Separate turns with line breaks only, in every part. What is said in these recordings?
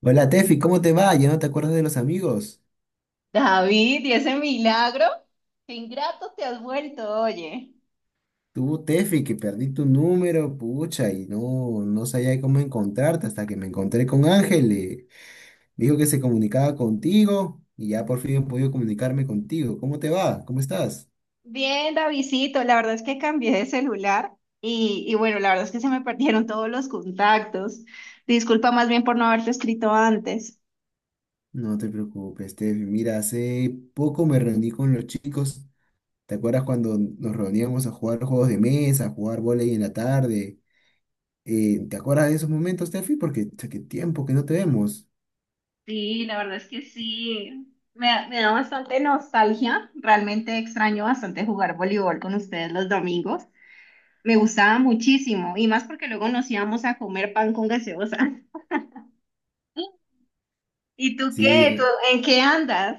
Hola Tefi, ¿cómo te va? ¿Ya no te acuerdas de los amigos?
David, ¿y ese milagro? Qué ingrato te has vuelto, oye.
Tú, Tefi, que perdí tu número, pucha, y no sabía cómo encontrarte hasta que me encontré con Ángel. Dijo que se comunicaba contigo y ya por fin he podido comunicarme contigo. ¿Cómo te va? ¿Cómo estás?
Bien, Davidcito, la verdad es que cambié de celular y bueno, la verdad es que se me perdieron todos los contactos. Disculpa más bien por no haberte escrito antes.
No te preocupes, Tefi. Mira, hace poco me reuní con los chicos. ¿Te acuerdas cuando nos reuníamos a jugar juegos de mesa, a jugar vóley en la tarde? ¿Te acuerdas de esos momentos, Tefi? Porque, cha, qué tiempo que no te vemos.
Sí, la verdad es que sí. Me da bastante nostalgia. Realmente extraño bastante jugar voleibol con ustedes los domingos. Me gustaba muchísimo y más porque luego nos íbamos a comer pan con gaseosa. ¿Y tú
Sí,
qué? ¿Tú en qué andas?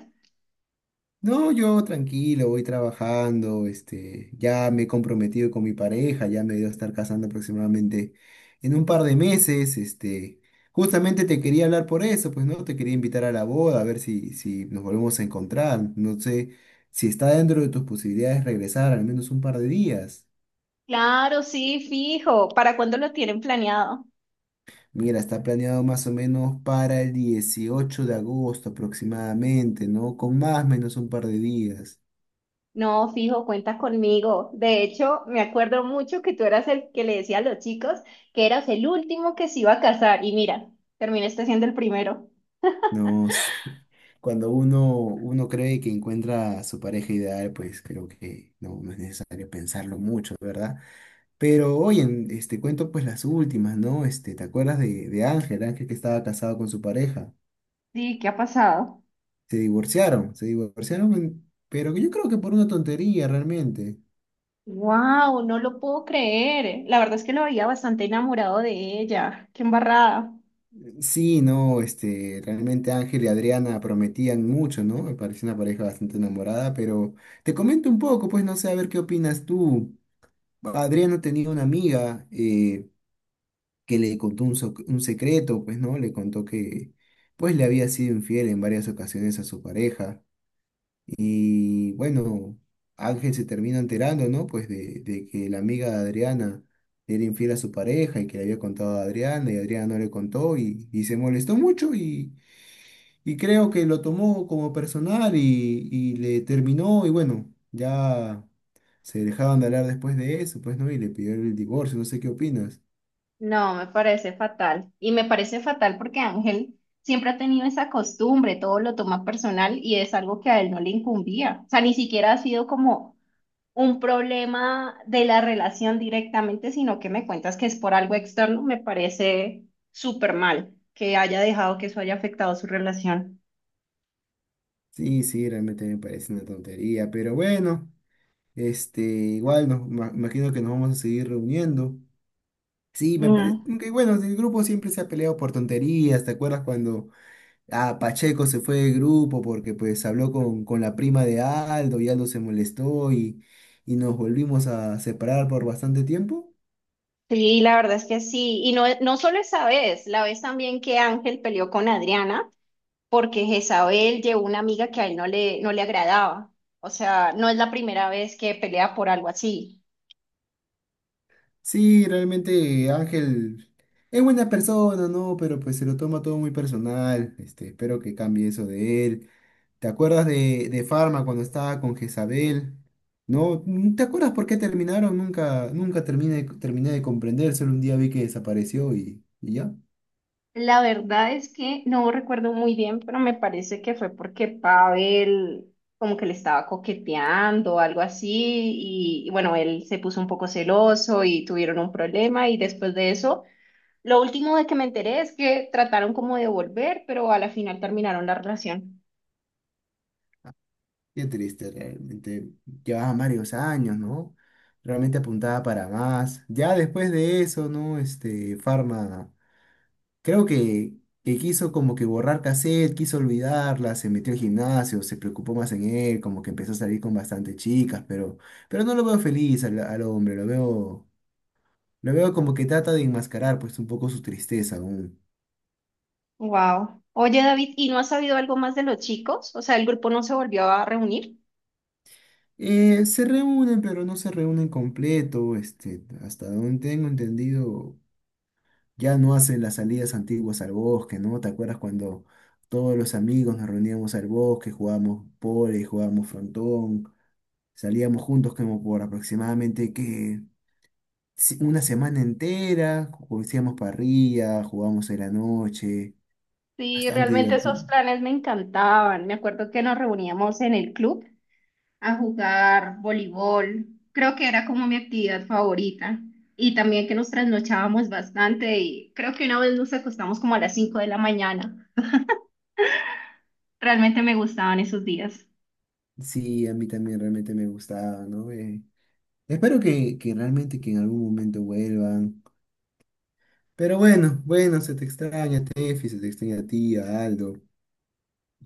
no, yo tranquilo, voy trabajando, este, ya me he comprometido con mi pareja, ya me debo estar casando aproximadamente en un par de meses, este, justamente te quería hablar por eso, pues no, te quería invitar a la boda, a ver si nos volvemos a encontrar, no sé si está dentro de tus posibilidades regresar al menos un par de días.
Claro, sí, fijo. ¿Para cuándo lo tienen planeado?
Mira, está planeado más o menos para el 18 de agosto aproximadamente, ¿no? Con más o menos un par de días.
No, fijo, cuenta conmigo. De hecho, me acuerdo mucho que tú eras el que le decía a los chicos que eras el último que se iba a casar. Y mira, terminaste siendo el primero.
No sé. Cuando uno cree que encuentra a su pareja ideal, pues creo que no es necesario pensarlo mucho, ¿verdad? Pero oye, este cuento pues las últimas, ¿no? Este, ¿te acuerdas de Ángel? Ángel que estaba casado con su pareja.
Sí, ¿qué ha pasado?
Se divorciaron, pero yo creo que por una tontería realmente.
Wow, no lo puedo creer. La verdad es que lo veía bastante enamorado de ella. Qué embarrada.
Sí, no, este, realmente Ángel y Adriana prometían mucho, ¿no? Me pareció una pareja bastante enamorada, pero te comento un poco, pues no sé, a ver qué opinas tú. Adriana tenía una amiga que le contó un secreto, pues, ¿no? Le contó que, pues, le había sido infiel en varias ocasiones a su pareja. Y bueno, Ángel se termina enterando, ¿no? Pues de que la amiga de Adriana era infiel a su pareja y que le había contado a Adriana y Adriana no le contó y se molestó mucho y creo que lo tomó como personal y le terminó y bueno, ya se dejaban de hablar después de eso, pues no, y le pidió el divorcio, no sé qué opinas.
No, me parece fatal. Y me parece fatal porque Ángel siempre ha tenido esa costumbre, todo lo toma personal y es algo que a él no le incumbía. O sea, ni siquiera ha sido como un problema de la relación directamente, sino que me cuentas que es por algo externo. Me parece súper mal que haya dejado que eso haya afectado su relación.
Sí, sí, realmente me parece una tontería, pero bueno, este, igual imagino que nos vamos a seguir reuniendo. Sí, me parece,
Mm.
que bueno, el grupo siempre se ha peleado por tonterías, ¿te acuerdas cuando Pacheco se fue del grupo porque pues habló con la prima de Aldo y Aldo se molestó y nos volvimos a separar por bastante tiempo?
Sí, la verdad es que sí. Y no, no solo esa vez, la vez también que Ángel peleó con Adriana, porque Jezabel llevó una amiga que a él no le agradaba. O sea, no es la primera vez que pelea por algo así.
Sí, realmente Ángel es buena persona, ¿no? Pero pues se lo toma todo muy personal. Este, espero que cambie eso de él. ¿Te acuerdas de Farma cuando estaba con Jezabel? ¿No? Mm. ¿Te acuerdas por qué terminaron? Nunca terminé de comprender. Solo un día vi que desapareció y ya.
La verdad es que no recuerdo muy bien, pero me parece que fue porque Pavel como que le estaba coqueteando o algo así y bueno, él se puso un poco celoso y tuvieron un problema y después de eso, lo último de que me enteré es que trataron como de volver, pero a la final terminaron la relación.
Qué triste, realmente. Llevaba varios años, ¿no? Realmente apuntaba para más. Ya después de eso, ¿no? Este, Farma. Creo que quiso como que borrar cassette, quiso olvidarla, se metió al gimnasio, se preocupó más en él, como que empezó a salir con bastantes chicas, pero no lo veo feliz al hombre, lo veo como que trata de enmascarar pues un poco su tristeza aún.
Wow. Oye, David, ¿y no has sabido algo más de los chicos? O sea, el grupo no se volvió a reunir.
Se reúnen, pero no se reúnen completo, este, hasta donde tengo entendido, ya no hacen las salidas antiguas al bosque, ¿no? ¿Te acuerdas cuando todos los amigos nos reuníamos al bosque, jugábamos pole, jugábamos frontón? Salíamos juntos como por aproximadamente que una semana entera, hacíamos parrilla, jugábamos en la noche,
Sí,
bastante
realmente esos
divertido.
planes me encantaban. Me acuerdo que nos reuníamos en el club a jugar voleibol. Creo que era como mi actividad favorita. Y también que nos trasnochábamos bastante y creo que una vez nos acostamos como a las 5 de la mañana. Realmente me gustaban esos días.
Sí, a mí también realmente me gustaba, ¿no? Espero que realmente que en algún momento vuelvan. Pero bueno, se te extraña, Tefi, se te extraña a ti, a Aldo.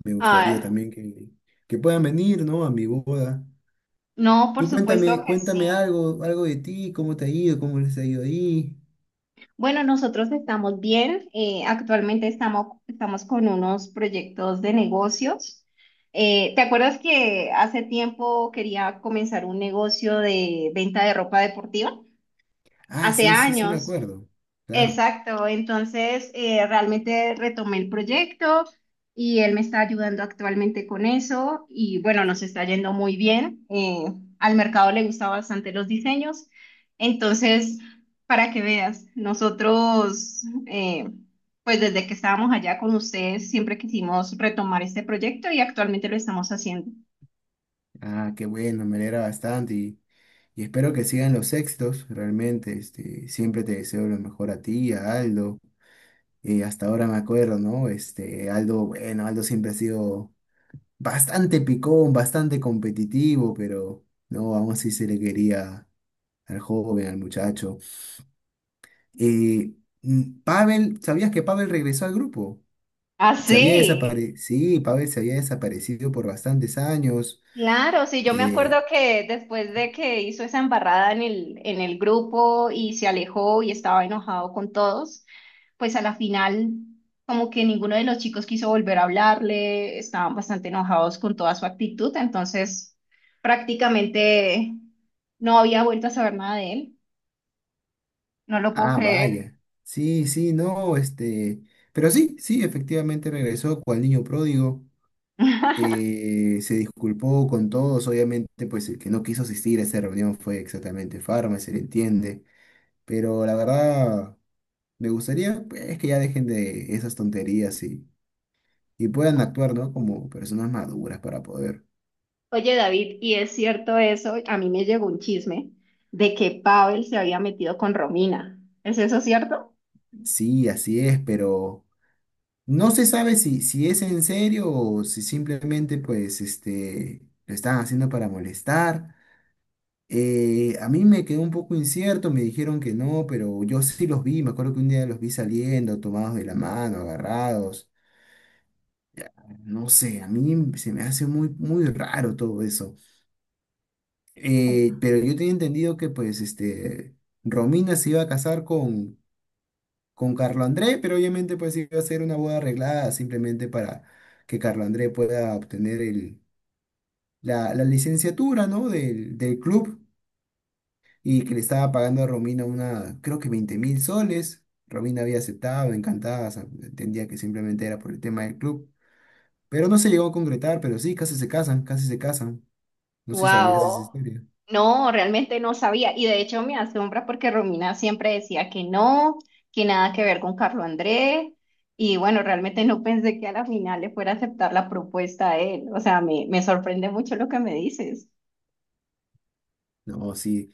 Me gustaría
Ah,
también que puedan venir, ¿no? A mi boda.
no, por
Tú
supuesto
cuéntame,
que sí.
cuéntame algo, algo de ti, cómo te ha ido, cómo les ha ido ahí.
Bueno, nosotros estamos bien. Actualmente estamos con unos proyectos de negocios. ¿Te acuerdas que hace tiempo quería comenzar un negocio de venta de ropa deportiva?
Ah,
Hace
sí, sí, sí, me
años.
acuerdo. Claro.
Exacto, entonces realmente retomé el proyecto y él me está ayudando actualmente con eso y bueno, nos está yendo muy bien. Al mercado le gustan bastante los diseños, entonces para que veas, nosotros pues desde que estábamos allá con ustedes siempre quisimos retomar este proyecto y actualmente lo estamos haciendo.
Ah, qué bueno, me alegra bastante y espero que sigan los éxitos, realmente, este, siempre te deseo lo mejor a ti, a Aldo, y hasta ahora me acuerdo, ¿no? Este, Aldo, bueno, Aldo siempre ha sido bastante picón, bastante competitivo, pero no, aún así se le quería al joven, al muchacho. Eh, Pavel, ¿sabías que Pavel regresó al grupo?
Ah,
Se había
sí.
desaparecido, sí, Pavel se había desaparecido por bastantes años.
Claro, sí, yo me acuerdo
eh,
que después de que hizo esa embarrada en el grupo y se alejó y estaba enojado con todos, pues a la final como que ninguno de los chicos quiso volver a hablarle, estaban bastante enojados con toda su actitud, entonces prácticamente no había vuelto a saber nada de él, no lo puedo
Ah,
creer.
vaya. Sí, sí, no, este. Pero sí, sí, efectivamente regresó cual niño pródigo. Se disculpó con todos, obviamente, pues el que no quiso asistir a esa reunión fue exactamente Farmer, se le entiende. Pero la verdad, me gustaría, pues, es que ya dejen de esas tonterías y puedan actuar, ¿no? Como personas maduras para poder.
Oye, David, y es cierto eso, a mí me llegó un chisme de que Pavel se había metido con Romina, ¿es eso cierto?
Sí, así es, pero no se sabe si, si es en serio o si simplemente, pues, este, lo están haciendo para molestar. A mí me quedó un poco incierto, me dijeron que no, pero yo sí los vi, me acuerdo que un día los vi saliendo, tomados de la mano, agarrados. No sé, a mí se me hace muy raro todo eso. Pero yo tenía entendido que pues este, Romina se iba a casar con Carlo André, pero obviamente pues iba a ser una boda arreglada simplemente para que Carlo André pueda obtener la licenciatura, ¿no? del club. Y que le estaba pagando a Romina una, creo que 20.000 soles. Romina había aceptado, encantada, o sea, entendía que simplemente era por el tema del club. Pero no se llegó a concretar, pero sí, casi se casan. No sé si sabías esa
Wow.
historia.
No, realmente no sabía. Y de hecho me asombra porque Romina siempre decía que no, que nada que ver con Carlo Andrés. Y bueno, realmente no pensé que a la final le fuera a aceptar la propuesta a él. O sea, me sorprende mucho lo que me dices.
No, sí.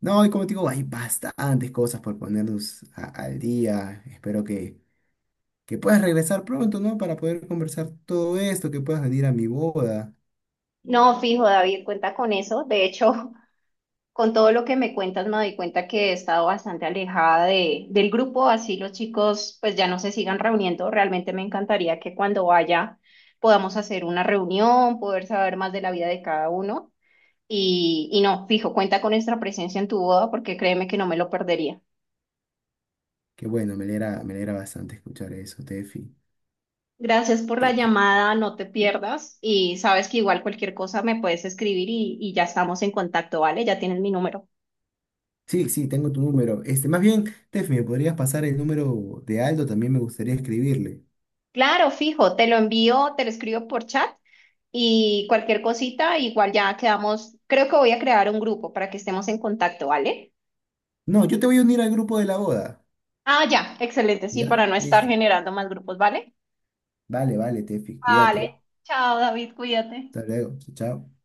No, y como te digo, hay bastantes cosas por ponernos al día. Espero que puedas regresar pronto, ¿no? Para poder conversar todo esto, que puedas venir a mi boda.
No, fijo, David, cuenta con eso. De hecho, con todo lo que me cuentas, me doy cuenta que he estado bastante alejada del grupo, así los chicos pues ya no se sigan reuniendo. Realmente me encantaría que cuando vaya podamos hacer una reunión, poder saber más de la vida de cada uno. Y no, fijo, cuenta con nuestra presencia en tu boda porque créeme que no me lo perdería.
Que bueno, me alegra bastante escuchar eso, Tefi.
Gracias por la llamada, no te pierdas y sabes que igual cualquier cosa me puedes escribir y ya estamos en contacto, ¿vale? Ya tienes mi número.
Sí, sí, tengo tu número. Este, más bien, Tef, ¿me podrías pasar el número de Aldo? También me gustaría escribirle.
Claro, fijo, te lo envío, te lo escribo por chat y cualquier cosita, igual ya quedamos, creo que voy a crear un grupo para que estemos en contacto, ¿vale?
No, yo te voy a unir al grupo de la boda.
Ah, ya, excelente, sí, para
¿Ya?
no estar
Listo.
generando más grupos, ¿vale?
Vale, vale, Tefi, cuídate.
Vale, chao David, cuídate.
Hasta luego. Chao, chao.